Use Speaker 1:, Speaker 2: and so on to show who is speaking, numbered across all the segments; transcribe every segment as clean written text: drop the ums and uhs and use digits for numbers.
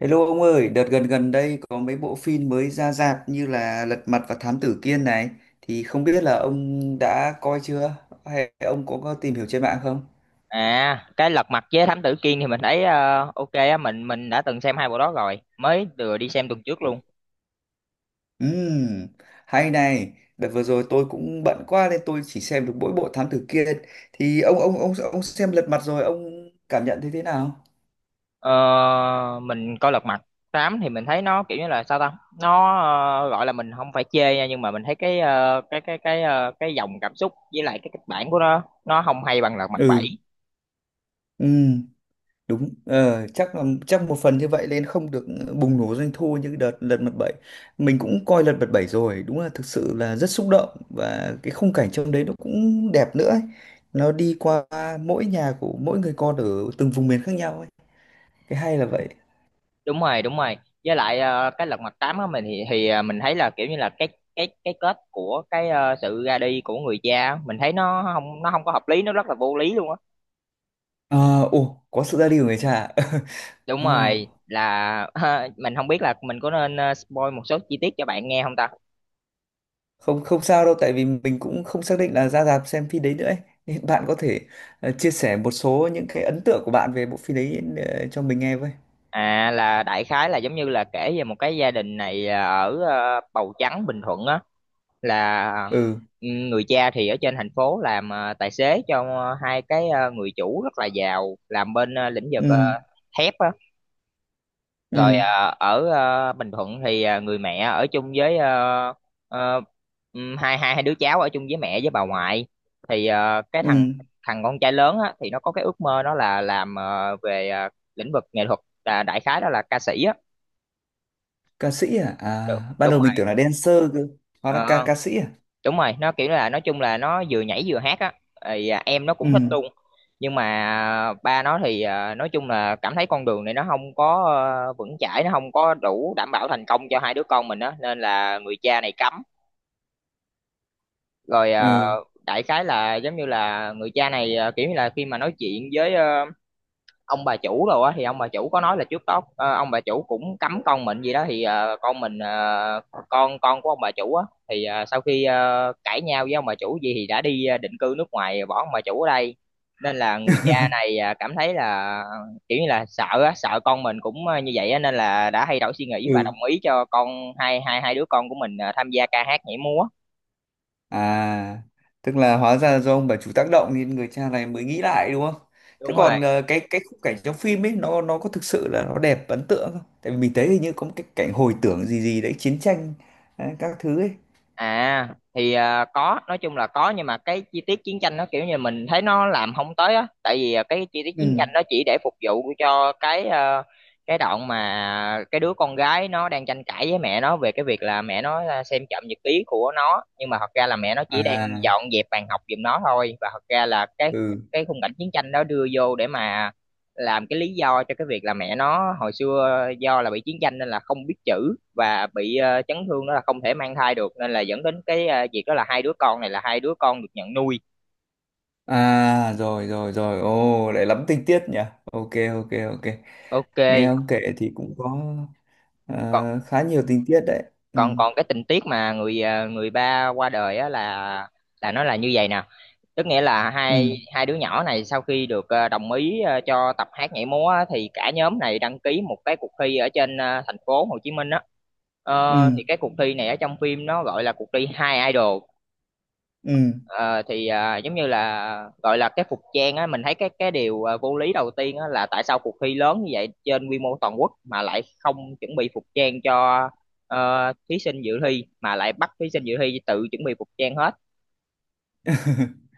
Speaker 1: Hello ông ơi, đợt gần gần đây có mấy bộ phim mới ra rạp như là Lật Mặt và Thám Tử Kiên này, thì không biết là ông đã coi chưa, hay ông có tìm hiểu trên mạng không?
Speaker 2: À, cái Lật Mặt với Thám Tử Kiên thì mình thấy ok á, mình đã từng xem hai bộ đó rồi, mới vừa đi xem tuần trước luôn.
Speaker 1: Ừm, hay này, đợt vừa rồi tôi cũng bận quá nên tôi chỉ xem được mỗi bộ Thám Tử Kiên, thì ông xem Lật Mặt rồi, ông cảm nhận thấy thế nào?
Speaker 2: Ờ, mình coi Lật Mặt tám thì mình thấy nó kiểu như là sao ta? Nó, gọi là mình không phải chê nha, nhưng mà mình thấy cái ờ, cái ờ, cái dòng cảm xúc với lại cái kịch bản của nó không hay bằng Lật Mặt bảy.
Speaker 1: Ừ. Ừ. Đúng, chắc một phần như vậy nên không được bùng nổ doanh thu như đợt Lật Mặt 7. Mình cũng coi Lật Mặt 7 rồi, đúng là thực sự là rất xúc động, và cái khung cảnh trong đấy nó cũng đẹp nữa ấy. Nó đi qua mỗi nhà của mỗi người con ở từng vùng miền khác nhau ấy, cái hay là vậy.
Speaker 2: Đúng rồi, đúng rồi. Với lại cái Lật Mặt tám á mình thì mình thấy là kiểu như là cái kết của cái sự ra đi của người cha á, mình thấy nó không có hợp lý, nó rất là vô lý luôn á.
Speaker 1: Ờ, ồ, có sự ra đi của người cha.
Speaker 2: Đúng
Speaker 1: Ờ,
Speaker 2: rồi là mình không biết là mình có nên spoil một số chi tiết cho bạn nghe không ta?
Speaker 1: không, không sao đâu, tại vì mình cũng không xác định là ra rạp xem phim đấy nữa ấy. Nên bạn có thể chia sẻ một số những cái ấn tượng của bạn về bộ phim đấy, cho mình nghe với.
Speaker 2: À, là đại khái là giống như là kể về một cái gia đình này ở Bầu Trắng Bình Thuận á là
Speaker 1: Ừ.
Speaker 2: người cha thì ở trên thành phố làm tài xế cho hai cái người chủ rất là giàu làm bên lĩnh vực
Speaker 1: Ừ.
Speaker 2: thép á. Rồi
Speaker 1: Ừ.
Speaker 2: ở Bình Thuận thì người mẹ ở chung với à, hai hai hai đứa cháu ở chung với mẹ với bà ngoại thì cái thằng
Speaker 1: Ừ.
Speaker 2: thằng con trai lớn á, thì nó có cái ước mơ nó là làm về lĩnh vực nghệ thuật, là đại khái đó là ca sĩ á.
Speaker 1: Ca sĩ à? À,
Speaker 2: Đ-
Speaker 1: ban
Speaker 2: đúng
Speaker 1: đầu mình
Speaker 2: rồi.
Speaker 1: tưởng là dancer cơ, hóa ra ca
Speaker 2: Ờ,
Speaker 1: ca sĩ à.
Speaker 2: đúng rồi, nó kiểu là nói chung là nó vừa nhảy vừa hát á, thì em nó cũng thích
Speaker 1: Ừ.
Speaker 2: luôn, nhưng mà ba nó thì nói chung là cảm thấy con đường này nó không có vững chãi, nó không có đủ đảm bảo thành công cho hai đứa con mình á nên là người cha này cấm rồi. Ờ,
Speaker 1: Ừ.
Speaker 2: Đại khái là giống như là người cha này kiểu như là khi mà nói chuyện với ông bà chủ rồi á thì ông bà chủ có nói là trước đó ông bà chủ cũng cấm con mình gì đó, thì con mình con của ông bà chủ á thì sau khi cãi nhau với ông bà chủ gì thì đã đi định cư nước ngoài bỏ ông bà chủ ở đây, nên là người cha này cảm thấy là kiểu như là sợ á, sợ con mình cũng như vậy á, nên là đã thay đổi suy nghĩ và
Speaker 1: Ừ.
Speaker 2: đồng ý cho con hai hai hai đứa con của mình tham gia ca hát nhảy múa.
Speaker 1: À, tức là hóa ra do ông bà chủ tác động nên người cha này mới nghĩ lại, đúng không? Thế
Speaker 2: Đúng rồi.
Speaker 1: còn cái khung cảnh trong phim ấy, nó có thực sự là nó đẹp, ấn tượng không? Tại vì mình thấy hình như có một cái cảnh hồi tưởng gì gì đấy chiến tranh đấy, các thứ ấy.
Speaker 2: À, thì có, nói chung là có, nhưng mà cái chi tiết chiến tranh nó kiểu như mình thấy nó làm không tới á, tại vì cái chi tiết chiến
Speaker 1: Ừ.
Speaker 2: tranh nó chỉ để phục vụ cho cái đoạn mà cái đứa con gái nó đang tranh cãi với mẹ nó về cái việc là mẹ nó xem trộm nhật ký của nó, nhưng mà thật ra là mẹ nó chỉ đang
Speaker 1: À.
Speaker 2: dọn dẹp bàn học giùm nó thôi, và thật ra là cái
Speaker 1: Ừ.
Speaker 2: cái khung cảnh chiến tranh đó đưa vô để mà làm cái lý do cho cái việc là mẹ nó hồi xưa do là bị chiến tranh nên là không biết chữ và bị chấn thương, đó là không thể mang thai được, nên là dẫn đến cái việc đó là hai đứa con này là hai đứa con được nhận nuôi.
Speaker 1: À, rồi rồi rồi, ô lại lắm tình tiết nhỉ. Ok, ok, ok.
Speaker 2: Ok.
Speaker 1: Nghe ông kể thì cũng có
Speaker 2: còn
Speaker 1: Ờ, khá nhiều tình tiết đấy. Ừ.
Speaker 2: còn còn cái tình tiết mà người ba qua đời á, là nó là như vậy nè, tức nghĩa là hai
Speaker 1: Ừ.
Speaker 2: hai đứa nhỏ này sau khi được đồng ý cho tập hát nhảy múa á, thì cả nhóm này đăng ký một cái cuộc thi ở trên thành phố Hồ Chí Minh á.
Speaker 1: Ừ.
Speaker 2: Thì cái cuộc thi này ở trong phim nó gọi là cuộc thi Hai Idol.
Speaker 1: Ừ.
Speaker 2: Thì giống như là gọi là cái phục trang á, mình thấy cái điều vô lý đầu tiên á là tại sao cuộc thi lớn như vậy trên quy mô toàn quốc mà lại không chuẩn bị phục trang cho thí sinh dự thi, mà lại bắt thí sinh dự thi tự chuẩn bị phục trang hết.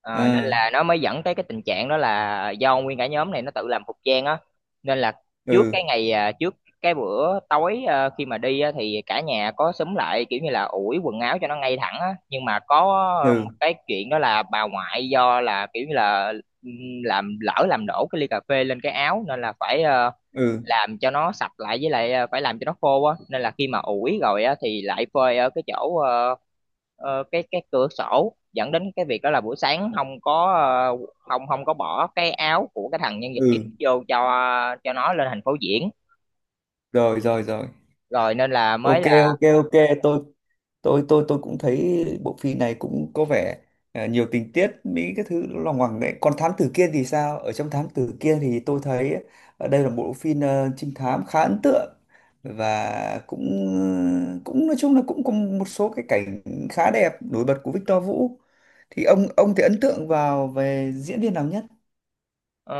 Speaker 2: Ờ, Nên
Speaker 1: À.
Speaker 2: là nó mới dẫn tới cái tình trạng đó là do nguyên cả nhóm này nó tự làm phục trang á, nên là
Speaker 1: Ừ.
Speaker 2: trước cái bữa tối khi mà đi á, thì cả nhà có xúm lại kiểu như là ủi quần áo cho nó ngay thẳng á, nhưng mà có
Speaker 1: Ừ.
Speaker 2: một cái chuyện đó là bà ngoại do là kiểu như là ừ, làm đổ cái ly cà phê lên cái áo, nên là phải
Speaker 1: Ừ.
Speaker 2: làm cho nó sạch lại, với lại phải làm cho nó khô á, nên là khi mà ủi rồi á thì lại phơi ở cái chỗ cái cửa sổ, dẫn đến cái việc đó là buổi sáng không có bỏ cái áo của cái thằng nhân vật chính
Speaker 1: Ừ.
Speaker 2: vô cho nó lên thành phố diễn
Speaker 1: Rồi rồi rồi.
Speaker 2: rồi, nên là mới
Speaker 1: Ok,
Speaker 2: là
Speaker 1: ok, ok. Tôi tôi tôi tôi cũng thấy bộ phim này cũng có vẻ à, nhiều tình tiết mỹ cái thứ nó lòng hoàng đấy. Còn thám tử kiên thì sao? Ở trong thám tử kiên thì tôi thấy ở đây là một bộ phim trinh thám khá ấn tượng, và cũng cũng nói chung là cũng có một số cái cảnh khá đẹp nổi bật của Victor Vũ. Thì ông thì ấn tượng về diễn viên nào nhất?
Speaker 2: ờ,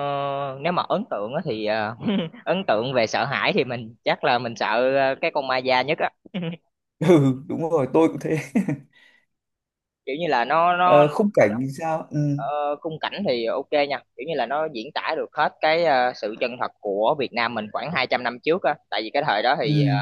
Speaker 2: nếu mà ấn tượng á thì ấn tượng về sợ hãi thì mình chắc là mình sợ cái con ma da nhất á
Speaker 1: Ừ, đúng rồi, tôi cũng thế.
Speaker 2: kiểu như là nó.
Speaker 1: Ờ, khung cảnh thì sao? Ừ.
Speaker 2: Ờ, Khung cảnh thì ok nha, kiểu như là nó diễn tả được hết cái sự chân thật của Việt Nam mình khoảng 200 năm trước á, tại vì cái thời đó thì
Speaker 1: Ừ.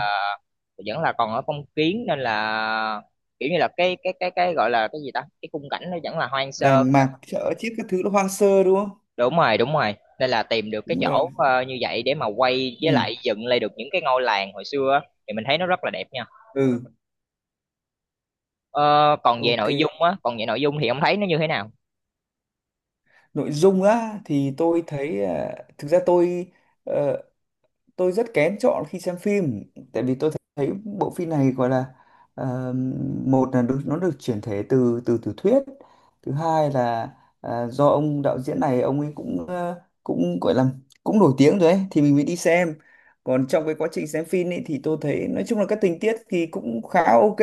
Speaker 2: vẫn là còn ở phong kiến nên là kiểu như là cái gọi là cái gì ta, cái khung cảnh nó vẫn là hoang sơ.
Speaker 1: Đàng mạc chợ chứ cái thứ nó hoang sơ đúng không?
Speaker 2: Đúng rồi, đúng rồi, nên là tìm được cái
Speaker 1: Đúng rồi.
Speaker 2: chỗ như vậy để mà quay với lại
Speaker 1: Ừ.
Speaker 2: dựng lại được những cái ngôi làng hồi xưa á, thì mình thấy nó rất là đẹp nha.
Speaker 1: Ừ.
Speaker 2: Ờ, Còn về
Speaker 1: Ok.
Speaker 2: nội dung á, còn về nội dung thì ông thấy nó như thế nào?
Speaker 1: Nội dung á thì tôi thấy à, thực ra ờ, tôi rất kén chọn khi xem phim, tại vì tôi thấy bộ phim này gọi là ờ, một là được, nó được chuyển thể từ từ tiểu thuyết. Thứ hai là à, do ông đạo diễn này ông ấy cũng gọi là cũng nổi tiếng rồi ấy, thì mình mới đi xem. Còn trong cái quá trình xem phim ấy, thì tôi thấy nói chung là các tình tiết thì cũng khá ok.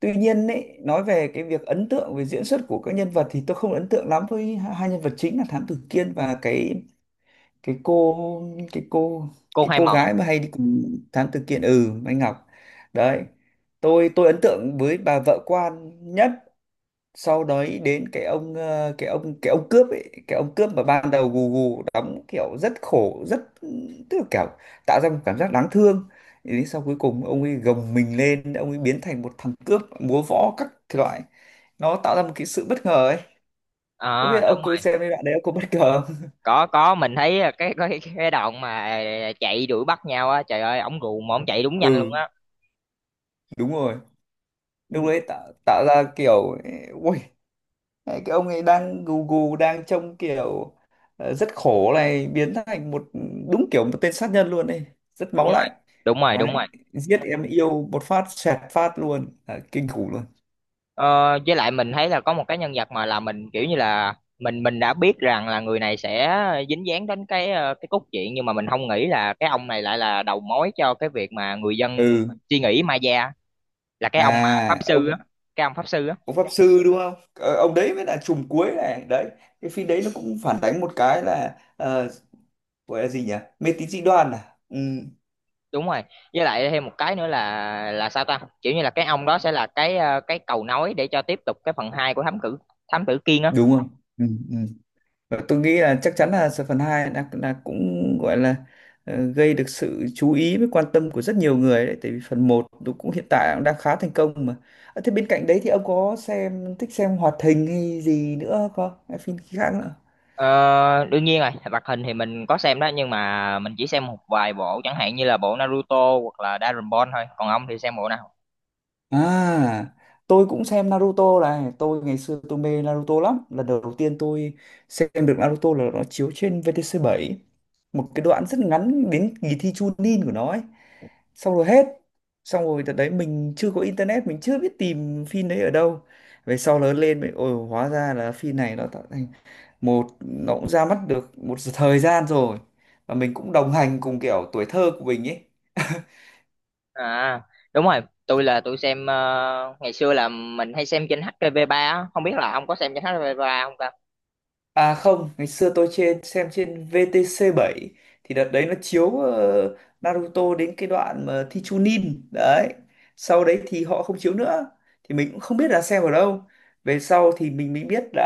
Speaker 1: Tuy nhiên ấy, nói về cái việc ấn tượng về diễn xuất của các nhân vật thì tôi không ấn tượng lắm với hai hai nhân vật chính là Thám Tử Kiên và cái cô cái cô
Speaker 2: Cô
Speaker 1: cái
Speaker 2: Hai
Speaker 1: cô
Speaker 2: Mẫn.
Speaker 1: gái mà hay đi cùng thám tử kiện, ừ, Mai Ngọc đấy. Tôi ấn tượng với bà vợ quan nhất, sau đấy đến cái ông cướp ấy cái ông cướp mà ban đầu gù gù đóng kiểu rất khổ, rất, tức là kiểu tạo ra một cảm giác đáng thương. Thì đến sau cuối cùng ông ấy gồng mình lên, ông ấy biến thành một thằng cướp múa võ các loại, nó tạo ra một cái sự bất ngờ ấy. Không biết
Speaker 2: À,
Speaker 1: là ông
Speaker 2: đúng.
Speaker 1: có xem cái đoạn đấy, ông có bất ngờ không?
Speaker 2: Có, mình thấy cái đoạn mà chạy đuổi bắt nhau á, trời ơi, ổng gù mà ổng chạy đúng nhanh luôn
Speaker 1: Ừ,
Speaker 2: á.
Speaker 1: đúng rồi.
Speaker 2: Ừ,
Speaker 1: Lúc đấy tạo tạo ra kiểu, ui, cái ông ấy đang gù gù đang trông kiểu rất khổ này biến thành một đúng kiểu một tên sát nhân luôn đây, rất
Speaker 2: đúng
Speaker 1: máu lạnh.
Speaker 2: rồi, đúng rồi,
Speaker 1: Đấy,
Speaker 2: đúng rồi.
Speaker 1: giết em yêu một phát xẹt phát luôn. Đấy, kinh khủng luôn.
Speaker 2: Ờ, với lại mình thấy là có một cái nhân vật mà là mình kiểu như là mình đã biết rằng là người này sẽ dính dáng đến cái cốt truyện, nhưng mà mình không nghĩ là cái ông này lại là đầu mối cho cái việc mà người dân
Speaker 1: Ừ.
Speaker 2: suy nghĩ ma da, là cái ông mà pháp
Speaker 1: À,
Speaker 2: sư á,
Speaker 1: ông
Speaker 2: cái ông pháp sư á.
Speaker 1: ông pháp sư đúng không? Ờ, ông đấy mới là trùm cuối này đấy. Cái phim đấy nó cũng phản đánh một cái là gọi là gì nhỉ, mê tín dị đoan à. Ừ.
Speaker 2: Đúng rồi, với lại thêm một cái nữa là sao ta, kiểu như là cái ông đó sẽ là cái cầu nối để cho tiếp tục cái phần 2 của thám tử Kiên á.
Speaker 1: Đúng không? Ừ. Ừ. Và tôi nghĩ là chắc chắn là phần 2 đã cũng gọi là gây được sự chú ý với quan tâm của rất nhiều người đấy, tại vì phần một nó cũng hiện tại cũng đang khá thành công mà. À, thế bên cạnh đấy thì ông có thích xem hoạt hình hay gì nữa không, hay phim khác nữa?
Speaker 2: Ờ, Đương nhiên rồi, hoạt hình thì mình có xem đó, nhưng mà mình chỉ xem một vài bộ chẳng hạn như là bộ Naruto hoặc là Dragon Ball thôi, còn ông thì xem bộ nào?
Speaker 1: À, tôi cũng xem Naruto này, ngày xưa tôi mê Naruto lắm. Lần đầu tiên tôi xem được Naruto là nó chiếu trên VTC7 một cái đoạn rất ngắn, đến kỳ thi Chunin của nó ấy. Xong rồi hết. Xong rồi đợt đấy mình chưa có internet, mình chưa biết tìm phim đấy ở đâu. Về sau lớn lên mình ôi, hóa ra là phim này nó tạo thành một, nó cũng ra mắt được một thời gian rồi. Và mình cũng đồng hành cùng kiểu tuổi thơ của mình ấy.
Speaker 2: À, đúng rồi, tôi xem ngày xưa là mình hay xem trên HTV3 á, không biết là ông có xem trên HTV3 không ta?
Speaker 1: À không, ngày xưa tôi xem trên VTC7, thì đợt đấy nó chiếu Naruto đến cái đoạn mà thi Chunin đấy. Sau đấy thì họ không chiếu nữa, thì mình cũng không biết là xem ở đâu. Về sau thì mình mới biết là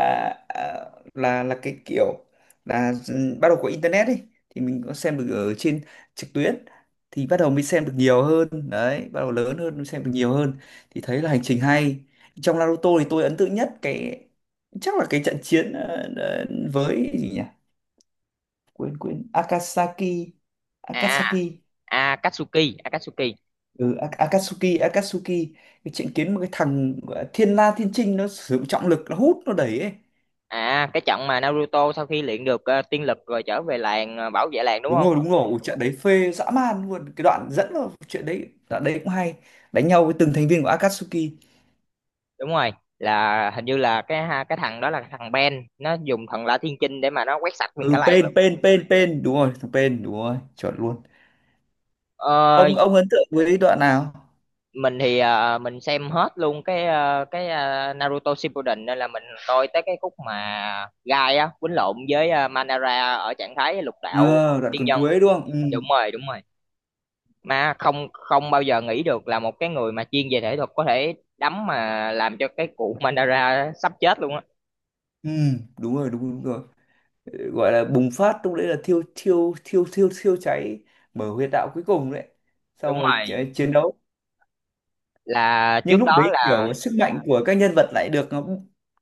Speaker 1: à, là cái kiểu là ừ, bắt đầu có internet đi, thì mình có xem được ở trên trực tuyến. Thì bắt đầu mới xem được nhiều hơn đấy, bắt đầu lớn hơn mới xem được nhiều hơn, thì thấy là hành trình hay. Trong Naruto thì tôi ấn tượng nhất cái chắc là cái trận chiến với gì nhỉ, quên quên, Akasaki, Akasaki.
Speaker 2: À, Akatsuki, Akatsuki.
Speaker 1: Ừ, A- Akatsuki Akatsuki. Cái trận kiến một cái thằng gọi là Thiên La Thiên Trinh nó sử dụng trọng lực, nó hút nó đẩy ấy.
Speaker 2: À, cái trận mà Naruto sau khi luyện được tiên lực rồi trở về làng bảo vệ làng đúng
Speaker 1: Đúng
Speaker 2: không?
Speaker 1: rồi, đúng rồi. Ủa, trận đấy phê dã man luôn, cái đoạn dẫn vào chuyện đấy, đoạn đấy cũng hay. Đánh nhau với từng thành viên của Akatsuki.
Speaker 2: Đúng rồi, là hình như là cái thằng đó là thằng Ben, nó dùng thần La Thiên Chinh để mà nó quét sạch nguyên cả
Speaker 1: Ừ.
Speaker 2: làng luôn.
Speaker 1: Pain, Pain, Pain, Pain, đúng rồi thằng Pain, đúng rồi chuẩn luôn.
Speaker 2: Ờ,
Speaker 1: Ông ấn tượng với đoạn nào?
Speaker 2: mình xem hết luôn cái Naruto Shippuden, nên là mình coi tới cái khúc mà Gai á quýnh lộn với Madara ở trạng thái lục đạo
Speaker 1: Ờ đoạn
Speaker 2: tiên
Speaker 1: còn
Speaker 2: nhân.
Speaker 1: cuối đúng không? Ừ.
Speaker 2: Đúng rồi, đúng rồi. Mà không không bao giờ nghĩ được là một cái người mà chuyên về thể thuật có thể đấm mà làm cho cái cụ Mandara sắp chết luôn á.
Speaker 1: Ừ đúng rồi, đúng, đúng rồi. Gọi là bùng phát, lúc đấy là thiêu thiêu thiêu thiêu thiêu cháy, mở huyệt đạo cuối cùng đấy, xong
Speaker 2: Đúng
Speaker 1: rồi
Speaker 2: rồi,
Speaker 1: chiến đấu.
Speaker 2: là
Speaker 1: Nhưng
Speaker 2: trước
Speaker 1: lúc
Speaker 2: đó
Speaker 1: đấy
Speaker 2: là
Speaker 1: kiểu sức mạnh của các nhân vật lại được nó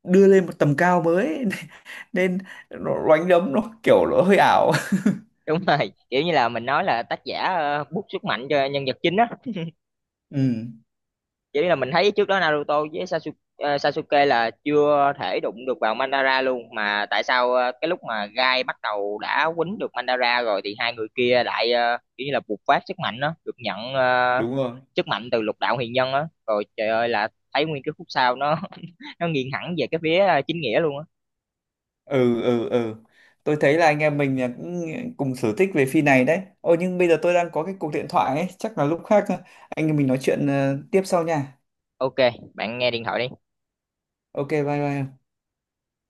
Speaker 1: đưa lên một tầm cao mới. Nên nó đánh đấm nó kiểu nó hơi ảo.
Speaker 2: đúng rồi, kiểu như là mình nói là tác giả bút sức mạnh cho nhân vật chính á.
Speaker 1: Ừ,
Speaker 2: Chỉ là mình thấy trước đó Naruto với Sasuke là chưa thể đụng được vào Madara luôn, mà tại sao cái lúc mà Gai bắt đầu đã quýnh được Madara rồi thì hai người kia lại kiểu như là bộc phát sức mạnh đó, được nhận
Speaker 1: đúng rồi.
Speaker 2: sức mạnh từ lục đạo huyền nhân á. Rồi trời ơi là thấy nguyên cái khúc sau nó nó nghiêng hẳn về cái phía chính nghĩa luôn á.
Speaker 1: Ừ. Ừ. Ừ. Tôi thấy là anh em mình là cũng cùng sở thích về phim này đấy, ôi nhưng bây giờ tôi đang có cái cuộc điện thoại ấy, chắc là lúc khác anh em mình nói chuyện tiếp sau nha.
Speaker 2: Ok, bạn nghe điện thoại đi.
Speaker 1: Ok, bye bye.